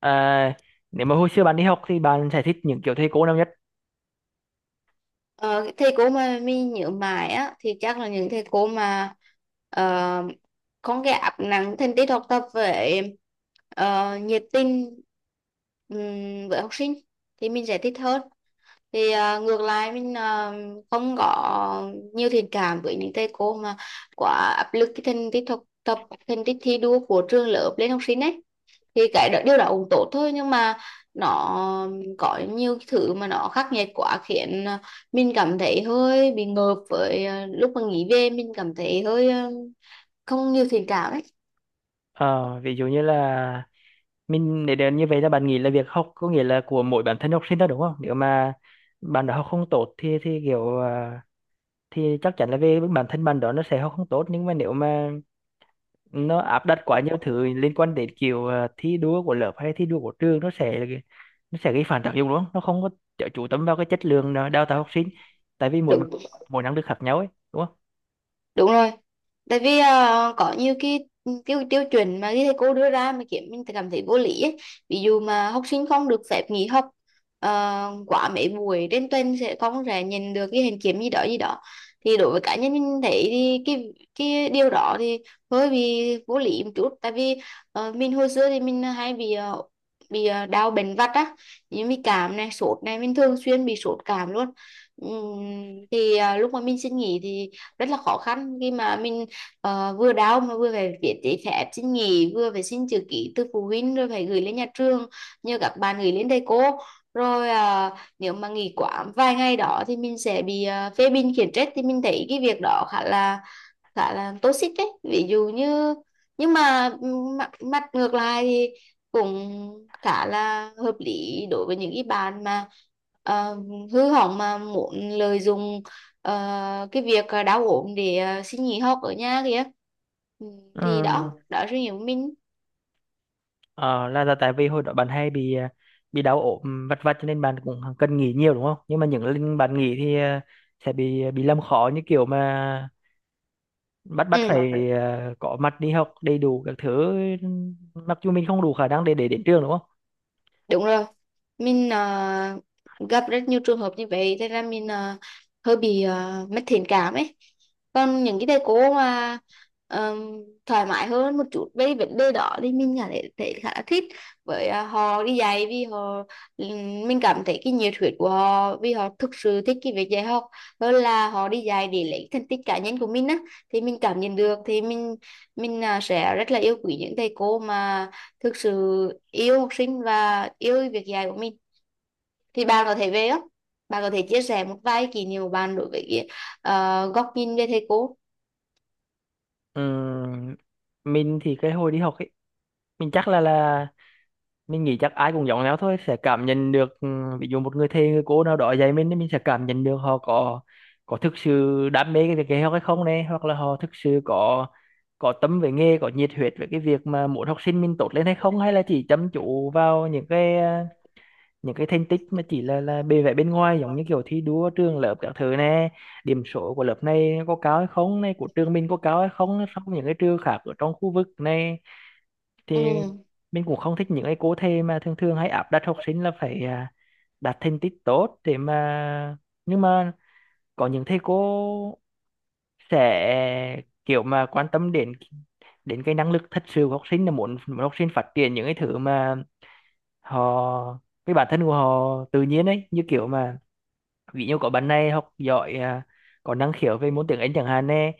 À, nếu mà hồi xưa bạn đi học thì bạn sẽ thích những kiểu thầy cô nào nhất? Ờ, Thầy cô mà mình nhớ mãi á thì chắc là những thầy cô mà ờ, không cái áp nặng thành tích học tập với ờ, nhiệt tình với học sinh thì mình sẽ thích hơn. Thì ngược lại mình không có nhiều thiện cảm với những thầy cô mà quá áp lực cái thành tích học tập, thành tích thi đua của trường lớp lên học sinh ấy. Thì điều đó cũng tốt thôi, nhưng mà nó có nhiều cái thứ mà nó khắc nghiệt quá khiến mình cảm thấy hơi bị ngợp. Với lúc mà nghỉ về mình cảm thấy hơi không nhiều thiện cảm ấy. Ờ, ví dụ như là mình để đến như vậy là bạn nghĩ là việc học có nghĩa là của mỗi bản thân học sinh đó đúng không? Nếu mà bạn đã học không tốt thì kiểu thì chắc chắn là về bản thân bạn đó nó sẽ học không tốt, nhưng mà nếu mà nó áp đặt quá nhiều thứ liên quan đến kiểu thi đua của lớp hay thi đua của trường nó sẽ là nó sẽ gây phản tác dụng đúng không? Nó không có chú tâm vào cái chất lượng đào tạo học sinh, tại vì mỗi đúng mỗi năng lực khác nhau ấy đúng không? đúng rồi, tại vì có nhiều cái tiêu tiêu chuẩn mà cái thầy cô đưa ra mà khiến mình cảm thấy vô lý ấy. Ví dụ mà học sinh không được phép nghỉ học quá mấy buổi trên tuần sẽ không sẽ nhận được cái hình kiểm gì đó gì đó. Thì đối với cá nhân mình thấy thì cái điều đó thì hơi bị vô lý một chút, tại vì mình hồi xưa thì mình hay bị bị đau bệnh vặt á, như bị cảm này, sốt này, mình thường xuyên bị sốt cảm luôn. Thì lúc mà mình xin nghỉ thì rất là khó khăn, khi mà mình vừa đau mà vừa phải viết giấy phép xin nghỉ, vừa phải xin chữ ký từ phụ huynh, rồi phải gửi lên nhà trường, nhờ các bạn gửi lên thầy cô, rồi nếu mà nghỉ quá vài ngày đó thì mình sẽ bị phê bình khiển trách. Thì mình thấy cái việc đó khá là toxic đấy, ví dụ như. Nhưng mà mặt ngược lại thì cũng khá là hợp lý đối với những cái bạn mà ờ, hư hỏng mà muốn lợi dụng Ờ, cái việc đau ốm để xin nghỉ học ở nhà kìa. Ừ, thì đó. Ừ. Ừ. Đó là suy nghĩ của mình. Là tại vì hồi đó bạn hay bị bị đau ốm vặt vặt, cho nên bạn cũng cần nghỉ nhiều đúng không? Nhưng mà những lần bạn nghỉ thì sẽ bị làm khó, như kiểu mà bắt bắt Ừ, phải có mặt đi học đầy đủ các thứ, mặc dù mình không đủ khả năng để đến trường đúng không? đúng rồi, mình gặp rất nhiều trường hợp như vậy, thế là mình hơi bị mất thiện cảm ấy. Còn những cái thầy cô mà ờm, thoải mái hơn một chút về vấn đề đó thì mình cảm thấy khá là thích. Với họ đi dạy vì họ, mình cảm thấy cái nhiệt huyết của họ, vì họ thực sự thích cái việc dạy học hơn là họ đi dạy để lấy thành tích cá nhân của mình á. Thì mình cảm nhận được thì mình sẽ rất là yêu quý những thầy cô mà thực sự yêu học sinh và yêu việc dạy của mình. Thì bạn có thể về không, bạn có thể chia sẻ một vài kỷ niệm của bạn đối với góc nhìn về thầy cô. Ừm, mình thì cái hồi đi học ấy, mình chắc là mình nghĩ chắc ai cũng giống nhau thôi, sẽ cảm nhận được ví dụ một người thầy người cô nào đó dạy mình thì mình sẽ cảm nhận được họ có thực sự đam mê cái việc dạy học hay không này, hoặc là họ thực sự có tâm về nghề, có nhiệt huyết về cái việc mà muốn học sinh mình tốt lên hay không, hay là chỉ chăm chú vào những cái những cái thành tích mà chỉ là bề vẻ bên ngoài, giống như kiểu thi đua trường lớp các thứ này, điểm số của lớp này có cao hay không này, của trường mình có cao hay không so với những cái trường khác ở trong khu vực này. Thì Ừ. mình cũng không thích những cái cô thầy mà thường thường hay áp đặt học sinh là phải đạt thành tích tốt để mà nhưng mà có những thầy cô sẽ kiểu mà quan tâm đến đến cái năng lực thật sự của học sinh, là muốn học sinh phát triển những cái thứ mà họ cái bản thân của họ tự nhiên ấy, như kiểu mà ví dụ có bạn này học giỏi có năng khiếu về môn tiếng Anh chẳng hạn nè,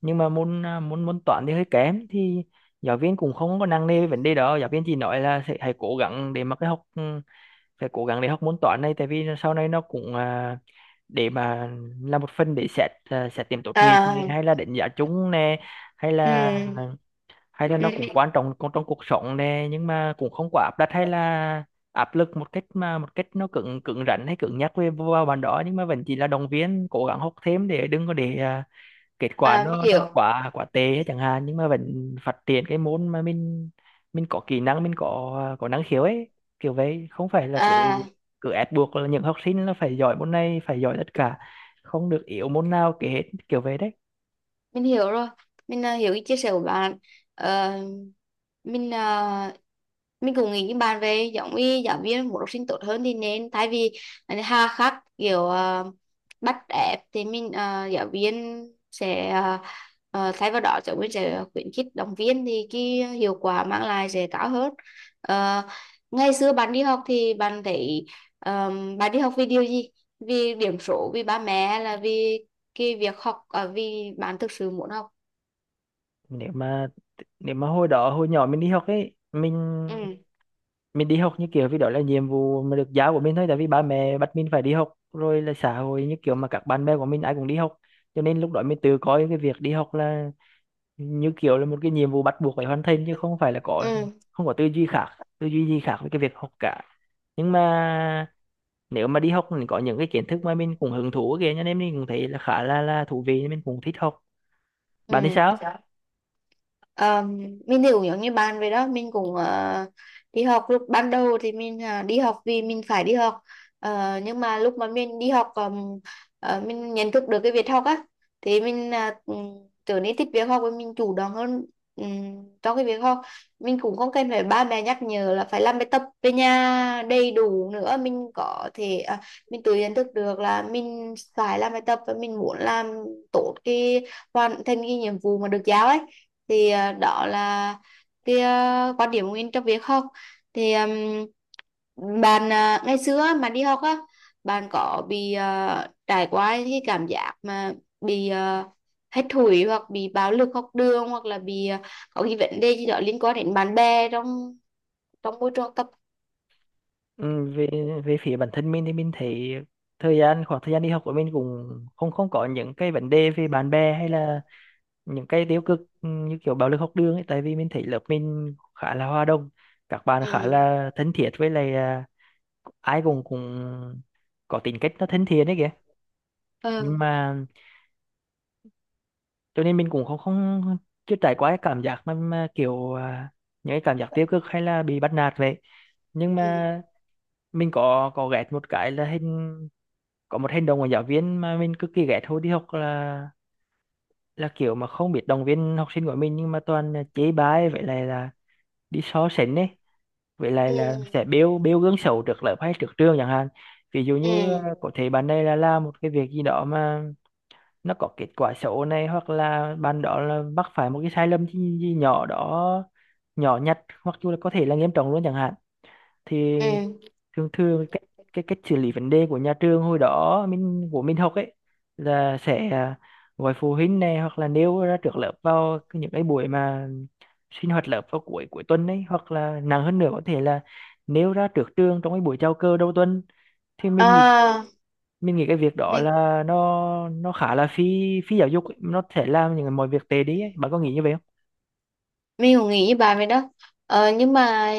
nhưng mà môn à, môn môn toán thì hơi kém thì giáo viên cũng không có nặng nề về vấn đề đó, giáo viên chỉ nói là sẽ hãy cố gắng để mà cái học phải cố gắng để học môn toán này, tại vì sau này nó cũng để mà là một phần để xét xét điểm tốt nghiệp này, À. hay là đánh giá chung nè, hay là Ừ. hay là nó cũng Ừ. quan trọng con trong cuộc sống nè, nhưng mà cũng không quá áp đặt hay là áp lực một cách mà một cách nó cứng cứng rắn hay cứng nhắc về vào bạn đó, nhưng mà vẫn chỉ là động viên cố gắng học thêm để đừng có để kết quả à, nó hiểu quá quá tệ ấy chẳng hạn, nhưng mà vẫn phát triển cái môn mà mình có kỹ năng, mình có có năng khiếu ấy, kiểu vậy, không phải là cứ À, cứ ép buộc là những học sinh là phải giỏi môn này, phải giỏi tất cả, không được yếu môn nào kể hết, kiểu vậy đấy. mình hiểu rồi, mình hiểu cái chia sẻ của bạn. Ờ, mình mình cũng nghĩ như bạn, về giống như giáo viên muốn học sinh tốt hơn thì nên thay vì hà khắc kiểu bắt ép thì giáo viên sẽ thay vào đó giáo viên sẽ khuyến khích động viên, thì cái hiệu quả mang lại sẽ cao hơn. Ờ, Ngày xưa bạn đi học thì bạn thấy ờ, bạn đi học vì điều gì, vì điểm số, vì ba mẹ, hay là vì cái việc học ở vì bạn thực sự muốn học? Nếu mà nếu mà hồi đó hồi nhỏ mình đi học ấy, mình Ừ. mình đi học như kiểu vì đó là nhiệm vụ mà được giáo của mình thôi, tại vì ba mẹ bắt mình phải đi học, rồi là xã hội như kiểu mà các bạn bè của mình ai cũng đi học, cho nên lúc đó mình tự coi cái việc đi học là như kiểu là một cái nhiệm vụ bắt buộc phải hoàn thành, chứ không phải là có Ừ. không có tư duy khác, tư duy gì khác với cái việc học cả. Nhưng mà nếu mà đi học mình có những cái kiến thức mà mình cũng hứng thú kìa, cho nên mình cũng thấy là khá là thú vị, mình cũng thích học. Ừ. Bạn thì sao? Ờ, mình thì cũng giống như bạn vậy đó, mình cũng đi học lúc ban đầu thì mình đi học vì mình phải đi học. Nhưng mà lúc mà mình đi học mình nhận thức được cái việc học á, thì mình trở nên thích việc học và mình chủ động hơn trong cái việc học. Mình cũng không cần phải ba mẹ nhắc nhở là phải làm bài tập về nhà đầy đủ nữa, mình có thể mình tự nhận thức được là mình phải làm bài tập và mình muốn làm tốt cái hoàn thành cái nhiệm vụ mà được giao ấy. Thì đó là cái quan điểm của mình trong việc học. Thì bạn ngày xưa á, mà đi học á, bạn có bị trải qua cái cảm giác mà bị hết thủy, hoặc bị bạo lực học đường, hoặc là bị có cái vấn đề gì đó liên quan đến bạn bè trong trong môi trường học tập? Ừ, về về phía bản thân mình thì mình thấy thời gian khoảng thời gian đi học của mình cũng không không có những cái vấn đề về bạn bè hay là những cái tiêu cực như kiểu bạo lực học đường ấy, tại vì mình thấy lớp mình khá là hòa đồng, các bạn khá Ừ. là thân thiết, với lại ai cũng cũng có tính cách nó thân thiện đấy kìa, nhưng Ừ. mà cho nên mình cũng không không chưa trải qua cái cảm giác mà kiểu những cái cảm giác tiêu cực hay là bị bắt nạt vậy. Nhưng mà Ừ. mình có ghét một cái là hình có một hành động của giáo viên mà mình cực kỳ ghét hồi đi học, là kiểu mà không biết động viên học sinh của mình, nhưng mà toàn là chế bái, vậy lại là đi so sánh ấy, vậy lại Ừ. là sẽ bêu bêu gương xấu trước lớp hay trước trường chẳng hạn. Ví dụ Ừ. như Ừ. Có thể bạn này là làm một cái việc gì đó mà nó có kết quả xấu này, hoặc là bạn đó là mắc phải một cái sai lầm gì nhỏ đó, nhỏ nhặt, hoặc là có thể là nghiêm trọng luôn chẳng hạn, thì Ừ. thường thường cái cách xử lý vấn đề của nhà trường hồi đó mình của mình học ấy là sẽ gọi phụ huynh này hoặc là nêu ra trước lớp vào những cái buổi mà sinh hoạt lớp vào cuối cuối tuần ấy, hoặc là nặng hơn nữa có thể là nêu ra trước trường trong cái buổi chào cờ đầu tuần. Thì À, mình nghĩ cái việc đó mình là nó khá là phi phi giáo dục ấy, nó sẽ làm những mọi việc tệ đi ấy. Bạn có nghĩ như vậy không? mình cũng nghĩ như bà vậy đó. Nhưng mà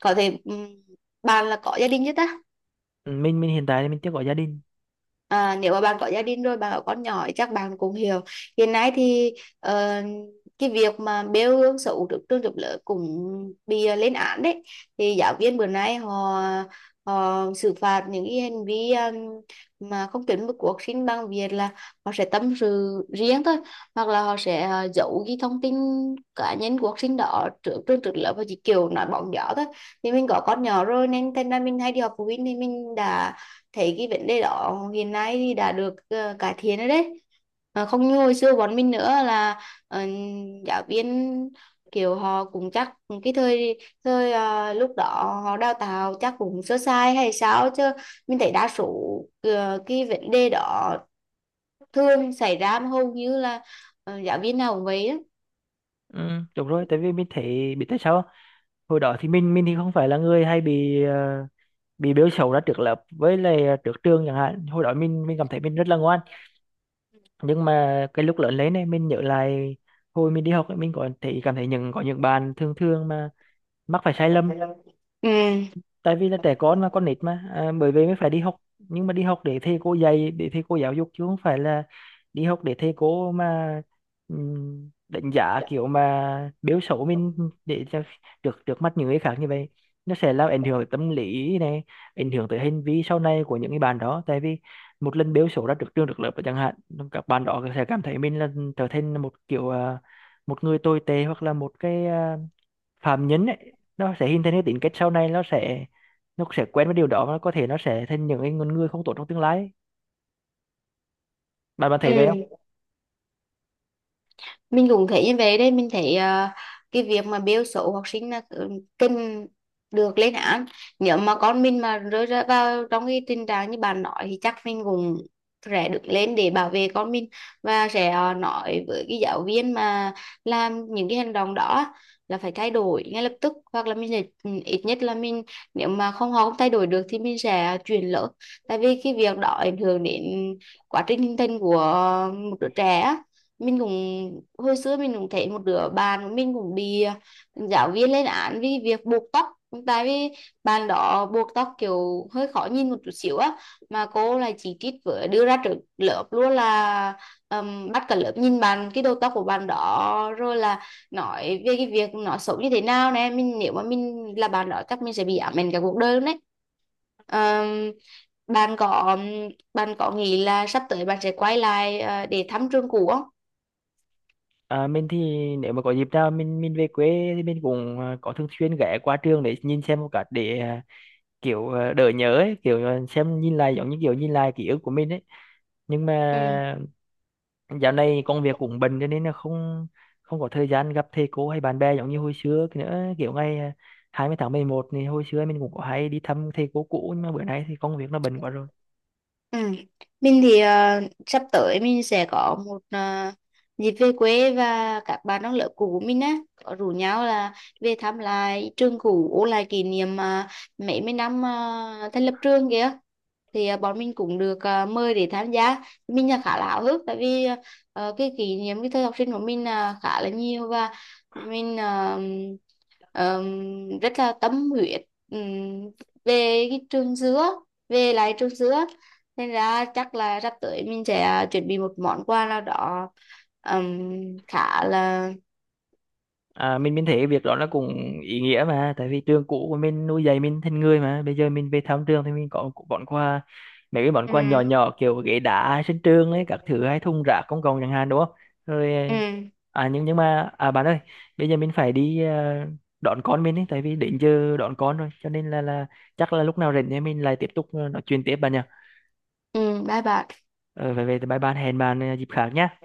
có thể bạn là có gia đình chưa ta? Ừ, mình hiện tại thì mình chưa có gia đình. À, nếu mà bạn có gia đình rồi, bạn có con nhỏ thì chắc bạn cũng hiểu. Hiện nay thì ờ, cái việc mà bêu gương xấu trước trường trước lớp cũng bị lên án đấy. Thì giáo viên bữa nay họ họ xử phạt những cái hành vi mà không chuẩn mực của học sinh bằng việc là họ sẽ tâm sự riêng thôi, hoặc là họ sẽ giấu cái thông tin cá nhân của học sinh đó trước trường trước lớp và chỉ kiểu nói bóng gió thôi. Thì mình có con nhỏ rồi nên thành ra mình hay đi họp phụ huynh, thì mình đã thấy cái vấn đề đó hiện nay thì đã được cải thiện rồi đấy. Không như hồi xưa bọn mình nữa là ờ, giáo viên kiểu họ cũng chắc cái thời thời lúc đó họ đào tạo chắc cũng sơ sai hay sao chứ. Mình thấy đa số cái vấn đề đó thường xảy ra mà hầu như là giáo viên nào cũng vậy đó. ừ, Đúng rồi, tại vì mình thấy biết tại sao không? Hồi đó thì mình thì không phải là người hay bị bị bêu xấu ra trước lớp, với lại trước trường chẳng hạn, hồi đó mình cảm thấy mình rất là ngoan, nhưng mà cái lúc lớn lên này mình nhớ lại hồi mình đi học ấy, mình có thấy cảm thấy những có những bạn thường thường mà mắc phải sai lầm Ừ. tại vì là trẻ con mà con nít mà bởi vì mới phải đi học, nhưng mà đi học để thầy cô dạy, để thầy cô giáo dục, chứ không phải là đi học để thầy cô mà đánh giá kiểu mà biểu xấu mình để cho trước trước mắt những người khác. Như vậy nó sẽ làm ảnh hưởng tới tâm lý này, ảnh hưởng tới hành vi sau này của những cái bạn đó, tại vì một lần biểu xấu ra trước trường trước lớp chẳng hạn, các bạn đó sẽ cảm thấy mình là trở thành một kiểu một người tồi tệ, hoặc là một cái phạm nhân ấy, nó sẽ hình thành cái tính cách sau này, nó sẽ quen với điều đó và có thể nó sẽ thành những cái con người không tốt trong tương lai ấy. Bạn bạn thấy vậy không? Ừ. Mình cũng thấy như vậy đấy, mình thấy cái việc mà biêu xấu học sinh là ừ, cần được lên án. Nếu mà con mình mà rơi ra vào trong cái tình trạng như bạn nói thì chắc mình cũng sẽ đứng lên để bảo vệ con mình, và sẽ nói với cái giáo viên mà làm những cái hành động đó là phải thay đổi ngay lập tức, hoặc là mình sẽ ừ, ít nhất là mình nếu mà không họ không thay đổi được thì mình sẽ chuyển lớp. Tại vì cái việc đó ảnh hưởng đến quá trình hình thành của một đứa trẻ á. Mình cũng hồi xưa mình cũng thấy một đứa bạn của mình cũng bị giáo viên lên án vì việc buộc tóc. Tại vì bạn đó buộc tóc kiểu hơi khó nhìn một chút xíu á, mà cô lại chỉ trích với đưa ra trước lớp luôn, là bắt cả lớp nhìn bạn cái đầu tóc của bạn đó, rồi là nói về cái việc nó xấu như thế nào nè. Mình nếu mà mình là bạn đó chắc mình sẽ bị ám ảnh cả cuộc đời luôn đấy. Ờm, bạn có Bạn có nghĩ là sắp tới bạn sẽ quay lại để thăm trường cũ không? Mình thì nếu mà có dịp nào mình về quê thì mình cũng có thường xuyên ghé qua trường để nhìn xem một cái để kiểu đỡ nhớ ấy, kiểu xem nhìn lại giống như kiểu nhìn lại ký ức của mình ấy, nhưng Ừ. mà dạo này công việc cũng bận cho nên là không không có thời gian gặp thầy cô hay bạn bè giống như hồi xưa cái nữa, kiểu ngày 20 tháng mười một thì hồi xưa mình cũng có hay đi thăm thầy cô cũ, nhưng mà bữa nay thì công việc nó bận quá rồi. Ừ. Mình thì sắp tới mình sẽ có một dịp về quê, và các bạn trong lớp cũ của mình á có rủ nhau là về thăm lại trường cũ, ôn lại kỷ niệm mấy mươi năm thành lập trường kìa. Thì bọn mình cũng được mời để tham gia, mình là khá là háo hức, tại vì cái kỷ niệm cái thời học sinh của mình là khá là nhiều, và mình rất là tâm huyết ừm, về cái trường dứa, về lại trường dứa, nên ra chắc là sắp tới mình sẽ chuẩn bị một món quà nào đó ừm, khá là. À, mình thấy cái việc đó nó cũng ý nghĩa mà, tại vì trường cũ của mình nuôi dạy mình thành người, mà bây giờ mình về thăm trường thì mình có bọn quà, mấy cái món quà nhỏ Ừ. nhỏ, kiểu ghế đá sân trường ấy các thứ, hay thùng rác công cộng chẳng hạn, đúng không? Rồi. Ừ. À, nhưng mà bạn ơi, bây giờ mình phải đi đón con mình ấy, tại vì đến giờ đón con rồi, cho nên là chắc là lúc nào rảnh thì mình lại tiếp tục nói chuyện tiếp bạn nhỉ. Ừ. Bye bye. Ờ Về vậy thì bye bye, hẹn bạn dịp khác nhá.